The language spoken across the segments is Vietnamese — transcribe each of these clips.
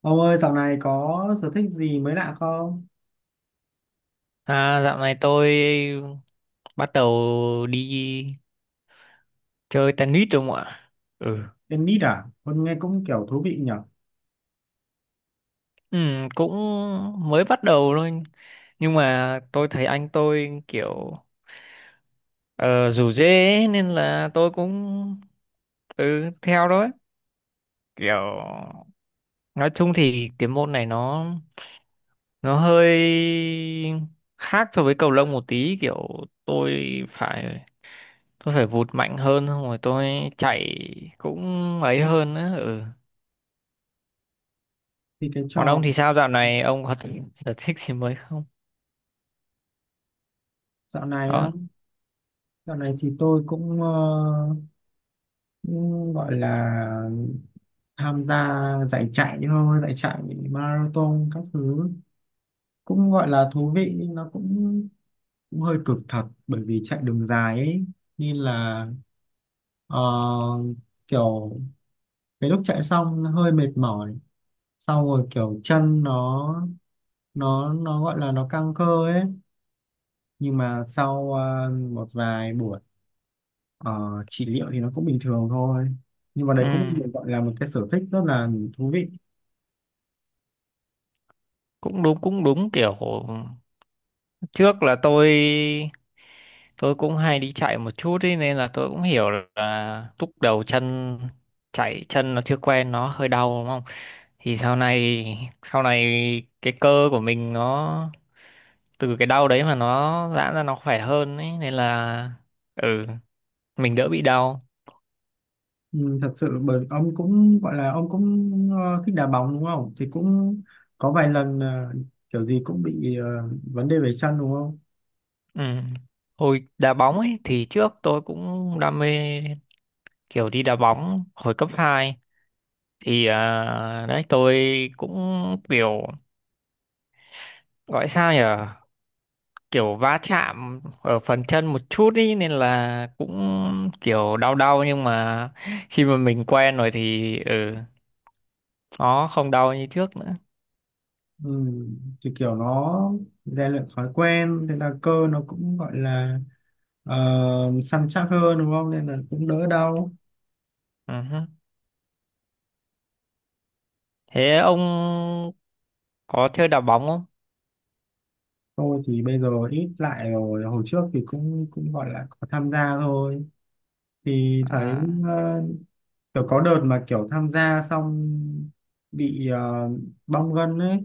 Ông ơi, dạo này có sở thích gì mới lạ không? À, dạo này tôi bắt đầu đi chơi tennis rồi không ạ? Ừ. Tennis à? Con nghe cũng kiểu thú vị nhở? Ừ, cũng mới bắt đầu thôi. Nhưng mà tôi thấy anh tôi kiểu ờ, rủ rê ấy, nên là tôi cũng ừ, theo đó ấy. Kiểu nói chung thì cái môn này nó hơi khác so với cầu lông một tí, kiểu tôi phải tôi phải vụt mạnh hơn, xong rồi tôi chạy cũng ấy hơn á, ừ. Thì cái Còn trò ông thì sao, dạo này ông có sở thích gì mới không? dạo này á, Đó. Dạo này thì tôi cũng, cũng gọi là tham gia giải chạy thôi, giải chạy marathon các thứ cũng gọi là thú vị nhưng nó cũng, cũng hơi cực thật bởi vì chạy đường dài ấy, nên là ờ, kiểu cái lúc chạy xong hơi mệt mỏi, sau rồi kiểu chân nó gọi là nó căng cơ ấy, nhưng mà sau một vài buổi ờ, trị liệu thì nó cũng bình thường thôi, nhưng mà đấy Ừ. cũng được gọi là một cái sở thích rất là thú vị. Cũng đúng, cũng đúng, kiểu trước là tôi cũng hay đi chạy một chút ý, nên là tôi cũng hiểu là lúc đầu chân, chạy chân nó chưa quen nó hơi đau đúng không? Thì sau này cái cơ của mình nó từ cái đau đấy mà nó giãn ra nó khỏe hơn ấy, nên là ừ, mình đỡ bị đau. Ừ, thật sự bởi ông cũng gọi là ông cũng thích đá bóng đúng không, thì cũng có vài lần kiểu gì cũng bị vấn đề về chân đúng không. Ừ. Hồi đá bóng ấy thì trước tôi cũng đam mê kiểu đi đá bóng hồi cấp hai, thì đấy tôi cũng kiểu gọi sao nhỉ, kiểu va chạm ở phần chân một chút ý, nên là cũng kiểu đau đau, nhưng mà khi mà mình quen rồi thì ừ, nó không đau như trước nữa. Ừ, thì kiểu nó rèn luyện thói quen, thế là cơ nó cũng gọi là ờ, săn chắc hơn đúng không, nên là cũng đỡ đau. Ừ hứ. Thế ông có chơi đá bóng không? Tôi thì bây giờ ít lại rồi, hồi trước thì cũng cũng gọi là có tham gia thôi. Thì thấy À, ờ, kiểu có đợt mà kiểu tham gia xong bị bong gân ấy.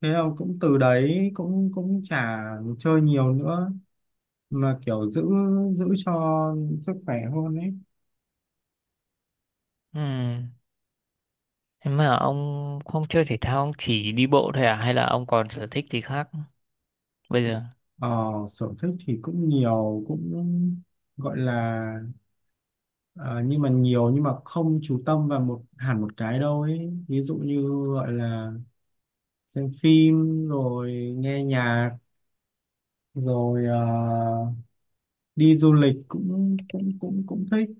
Thế là cũng từ đấy cũng cũng chả chơi nhiều nữa, mà kiểu giữ giữ cho sức khỏe hơn ấy. ừm. Thế mà ông không chơi thể thao, ông chỉ đi bộ thôi à? Hay là ông còn sở thích gì khác bây giờ? Ờ, sở thích thì cũng nhiều, cũng gọi là ờ, nhưng mà nhiều nhưng mà không chú tâm vào hẳn một cái đâu ấy. Ví dụ như gọi là xem phim rồi nghe nhạc rồi đi du lịch cũng cũng cũng cũng thích,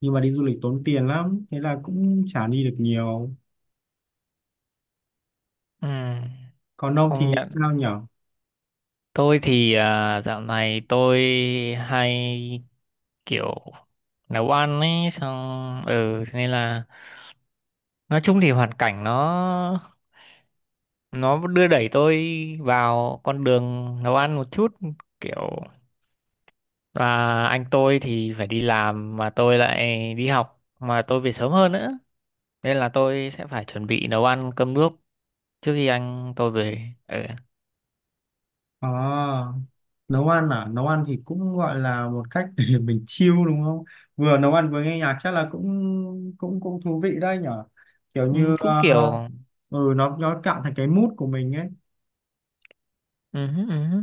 nhưng mà đi du lịch tốn tiền lắm, thế là cũng chả đi được nhiều. Ừ, Còn ông thì công nhận. sao nhở? Tôi thì dạo này tôi hay kiểu nấu ăn ấy, xong thế nên là nói chung thì hoàn cảnh nó đưa đẩy tôi vào con đường nấu ăn một chút, kiểu và anh tôi thì phải đi làm mà tôi lại đi học mà tôi về sớm hơn nữa, nên là tôi sẽ phải chuẩn bị nấu ăn cơm nước trước khi anh tôi về. Ừ. À, nấu ăn à, nấu ăn thì cũng gọi là một cách để mình chill đúng không, vừa nấu ăn vừa nghe nhạc chắc là cũng cũng cũng thú vị đấy nhở, kiểu Ừ, như cũng kiểu ừ nó cạn thành cái mood của mình ấy. ừ, ừ.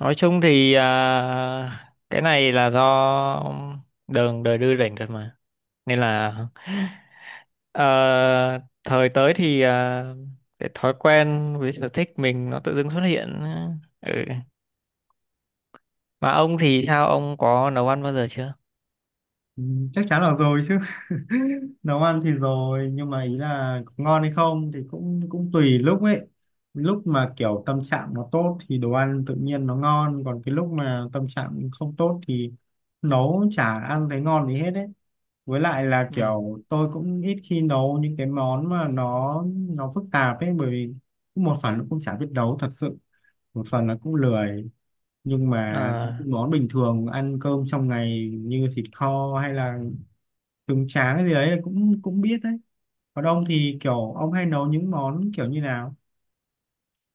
Nói chung thì cái này là do đường đời đưa đẩy rồi mà, nên là ờ, thời tới thì cái thói quen với sở thích mình nó tự dưng xuất hiện. Ừ. Mà ông thì sao, ông có nấu ăn bao giờ chưa? Ừ, chắc chắn là rồi chứ. Nấu ăn thì rồi, nhưng mà ý là ngon hay không thì cũng cũng tùy lúc ấy. Lúc mà kiểu tâm trạng nó tốt thì đồ ăn tự nhiên nó ngon, còn cái lúc mà tâm trạng không tốt thì nấu chả ăn thấy ngon gì hết ấy. Với lại là Ừ. kiểu tôi cũng ít khi nấu những cái món mà nó phức tạp ấy, bởi vì một phần nó cũng chả biết nấu thật sự, một phần nó cũng lười, nhưng mà à, những món bình thường ăn cơm trong ngày như thịt kho hay là trứng tráng gì đấy cũng cũng biết đấy. Còn ông thì kiểu ông hay nấu những món kiểu như nào?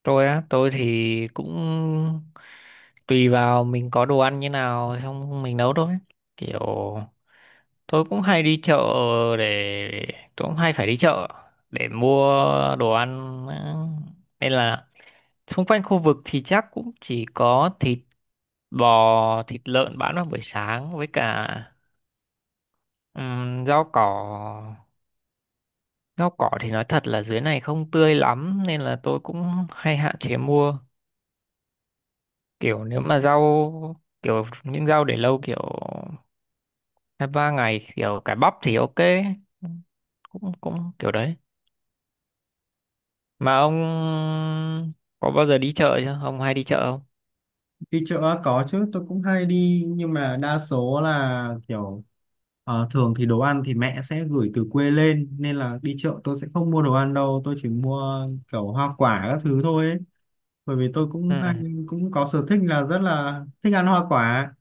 tôi thì cũng tùy vào mình có đồ ăn như nào xong mình nấu thôi, kiểu tôi cũng hay đi chợ để tôi cũng hay phải đi chợ để mua đồ ăn á. Nên là xung quanh khu vực thì chắc cũng chỉ có thịt bò thịt lợn bán vào buổi sáng, với cả ừm, rau cỏ rau cỏ thì nói thật là dưới này không tươi lắm, nên là tôi cũng hay hạn chế mua, kiểu nếu mà rau kiểu những rau để lâu kiểu hai ba ngày kiểu cải bắp thì ok, cũng cũng kiểu đấy. Mà ông có bao giờ đi chợ chưa? Ông hay đi chợ không? Đi chợ á, có chứ, tôi cũng hay đi, nhưng mà đa số là kiểu thường thì đồ ăn thì mẹ sẽ gửi từ quê lên, nên là đi chợ tôi sẽ không mua đồ ăn đâu, tôi chỉ mua kiểu hoa quả các thứ thôi ấy. Bởi vì tôi cũng hay Ừ. cũng có sở thích là rất là thích ăn hoa quả,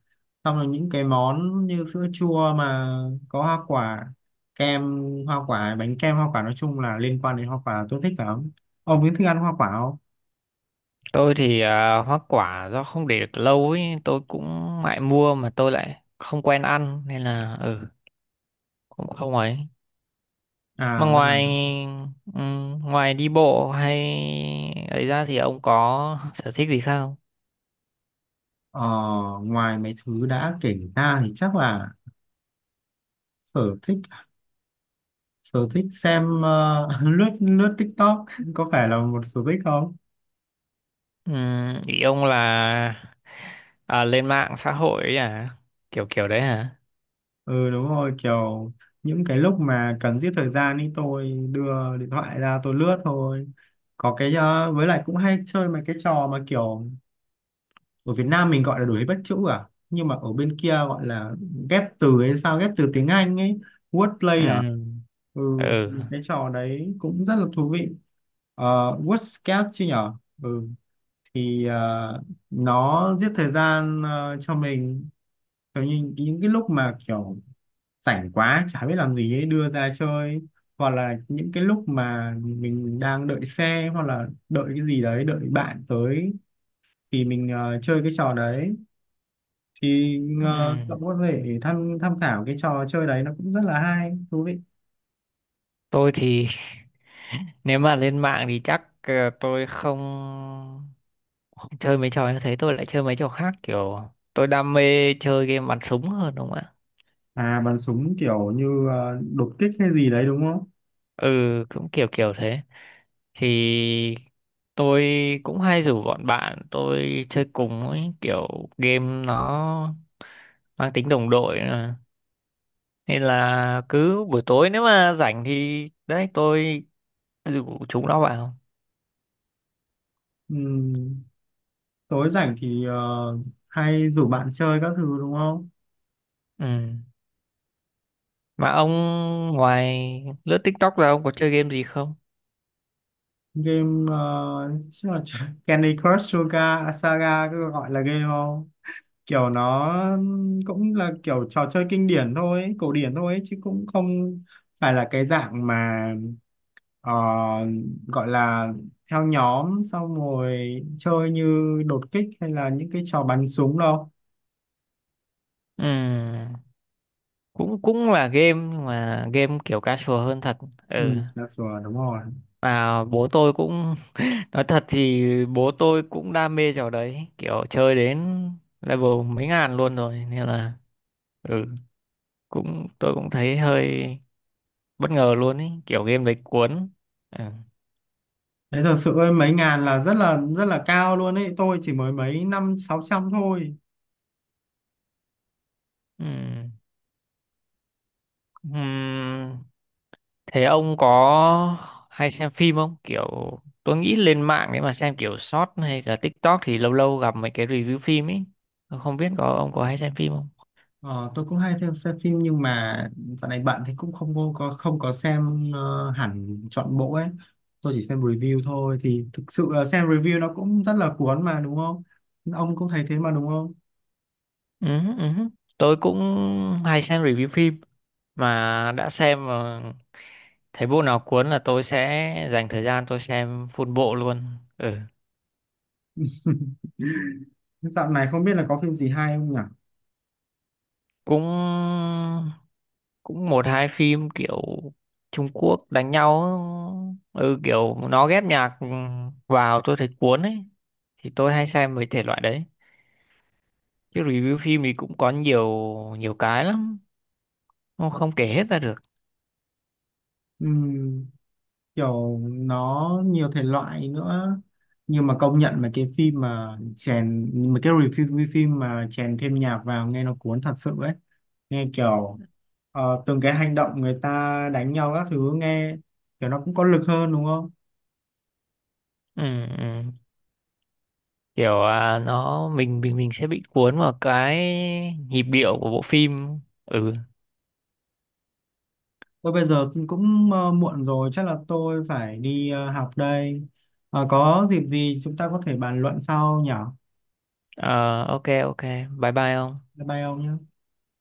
xong rồi những cái món như sữa chua mà có hoa quả, kem hoa quả, bánh kem hoa quả, nói chung là liên quan đến hoa quả tôi thích lắm. Ông có thích ăn hoa quả không? Tôi thì hoa quả do không để được lâu ấy, tôi cũng ngại mua mà tôi lại không quen ăn nên là ừ, cũng không ấy. Mà À ra là ngoài ừ, ngoài đi bộ hay ấy ra thì ông có sở thích gì khác không? ờ, ngoài mấy thứ đã kể ra thì chắc là sở thích sở thích xem lướt lướt TikTok có phải là một sở thích không? Ừ, ý ông là lên mạng xã hội ấy à? Kiểu kiểu đấy hả? Ừ đúng rồi, kiểu những cái lúc mà cần giết thời gian ấy tôi đưa điện thoại ra tôi lướt thôi, có cái với lại cũng hay chơi mấy cái trò mà kiểu ở Việt Nam mình gọi là đuổi bắt chữ à, nhưng mà ở bên kia gọi là ghép từ hay sao, ghép từ tiếng Anh ấy, wordplay à. Ừ. Ừ, Ừ. cái trò đấy cũng rất là thú vị. Ờ, WordScape chứ nhở. Ừ, thì nó giết thời gian cho mình, kiểu như những cái lúc mà kiểu rảnh quá chả biết làm gì ấy đưa ra chơi, hoặc là những cái lúc mà mình đang đợi xe hoặc là đợi cái gì đấy, đợi bạn tới thì mình chơi cái trò đấy. Thì cậu Ừ. có thể tham tham khảo cái trò chơi đấy, nó cũng rất là hay, thú vị. Tôi thì nếu mà lên mạng thì chắc tôi không không chơi mấy trò như thế, tôi lại chơi mấy trò khác kiểu tôi đam mê chơi game bắn súng hơn đúng không ạ? À, bắn súng kiểu như đột kích hay gì đấy đúng không? Ừ, cũng kiểu kiểu thế thì tôi cũng hay rủ bọn bạn tôi chơi cùng ấy, kiểu game nó mang tính đồng đội mà. Nên là cứ buổi tối nếu mà rảnh thì đấy tôi rủ chúng nó vào. Ừm, tối rảnh thì hay rủ bạn chơi các thứ đúng không? Ừ. Mà ông ngoài lướt TikTok ra ông có chơi game gì không? Game chắc là Candy Crush Suga Saga, cứ gọi là game không, kiểu nó cũng là kiểu trò chơi kinh điển thôi ấy, cổ điển thôi ấy, chứ cũng không phải là cái dạng mà ờ, gọi là theo nhóm xong rồi chơi như đột kích hay là những cái trò bắn súng đâu. Ừm, cũng cũng là game nhưng mà game kiểu casual hơn thật. Ừ. Ừ là sủa đúng rồi. Mà bố tôi cũng nói thật thì bố tôi cũng đam mê trò đấy, kiểu chơi đến level mấy ngàn luôn rồi, nên là ừ, cũng tôi cũng thấy hơi bất ngờ luôn ý, kiểu game đấy cuốn. Ừ. Thế thật sự ơi, mấy ngàn là rất là cao luôn ấy, tôi chỉ mới mấy năm sáu trăm thôi. Ừm. Ừm, thế ông có hay xem phim không? Kiểu tôi nghĩ lên mạng để mà xem kiểu short hay là TikTok thì lâu lâu gặp mấy cái review phim ấy. Tôi không biết có ông có hay xem phim không? Ờ, tôi cũng hay theo xem phim, nhưng mà dạo này bận thì cũng không có xem hẳn trọn bộ ấy. Tôi chỉ xem review thôi, thì thực sự là xem review nó cũng rất là cuốn mà đúng không? Ông cũng thấy thế mà đúng không? Ừ, ừ. Tôi cũng hay xem review phim, mà đã xem mà thấy bộ nào cuốn là tôi sẽ dành thời gian tôi xem full bộ luôn. Ừ. Dạo này không biết là có phim gì hay không nhỉ? Cũng cũng một hai phim kiểu Trung Quốc đánh nhau, ừ kiểu nó ghép nhạc vào tôi thấy cuốn ấy, thì tôi hay xem mấy thể loại đấy, chứ review phim thì cũng có nhiều nhiều cái lắm, không, không kể hết ra được. Ừm, kiểu nó nhiều thể loại nữa, nhưng mà công nhận mà cái review phim mà chèn thêm nhạc vào nghe nó cuốn thật sự ấy, nghe kiểu từng cái hành động người ta đánh nhau các thứ nghe kiểu nó cũng có lực hơn đúng không? Ừ, ừ. Kiểu nó mình sẽ bị cuốn vào cái nhịp điệu của bộ phim. Ừ. Tôi bây giờ cũng muộn rồi, chắc là tôi phải đi học đây. Ờ, có dịp gì chúng ta có thể bàn luận sau nhỉ? Ờ, ok ok, bye bye ông. Bye bye ông nhé.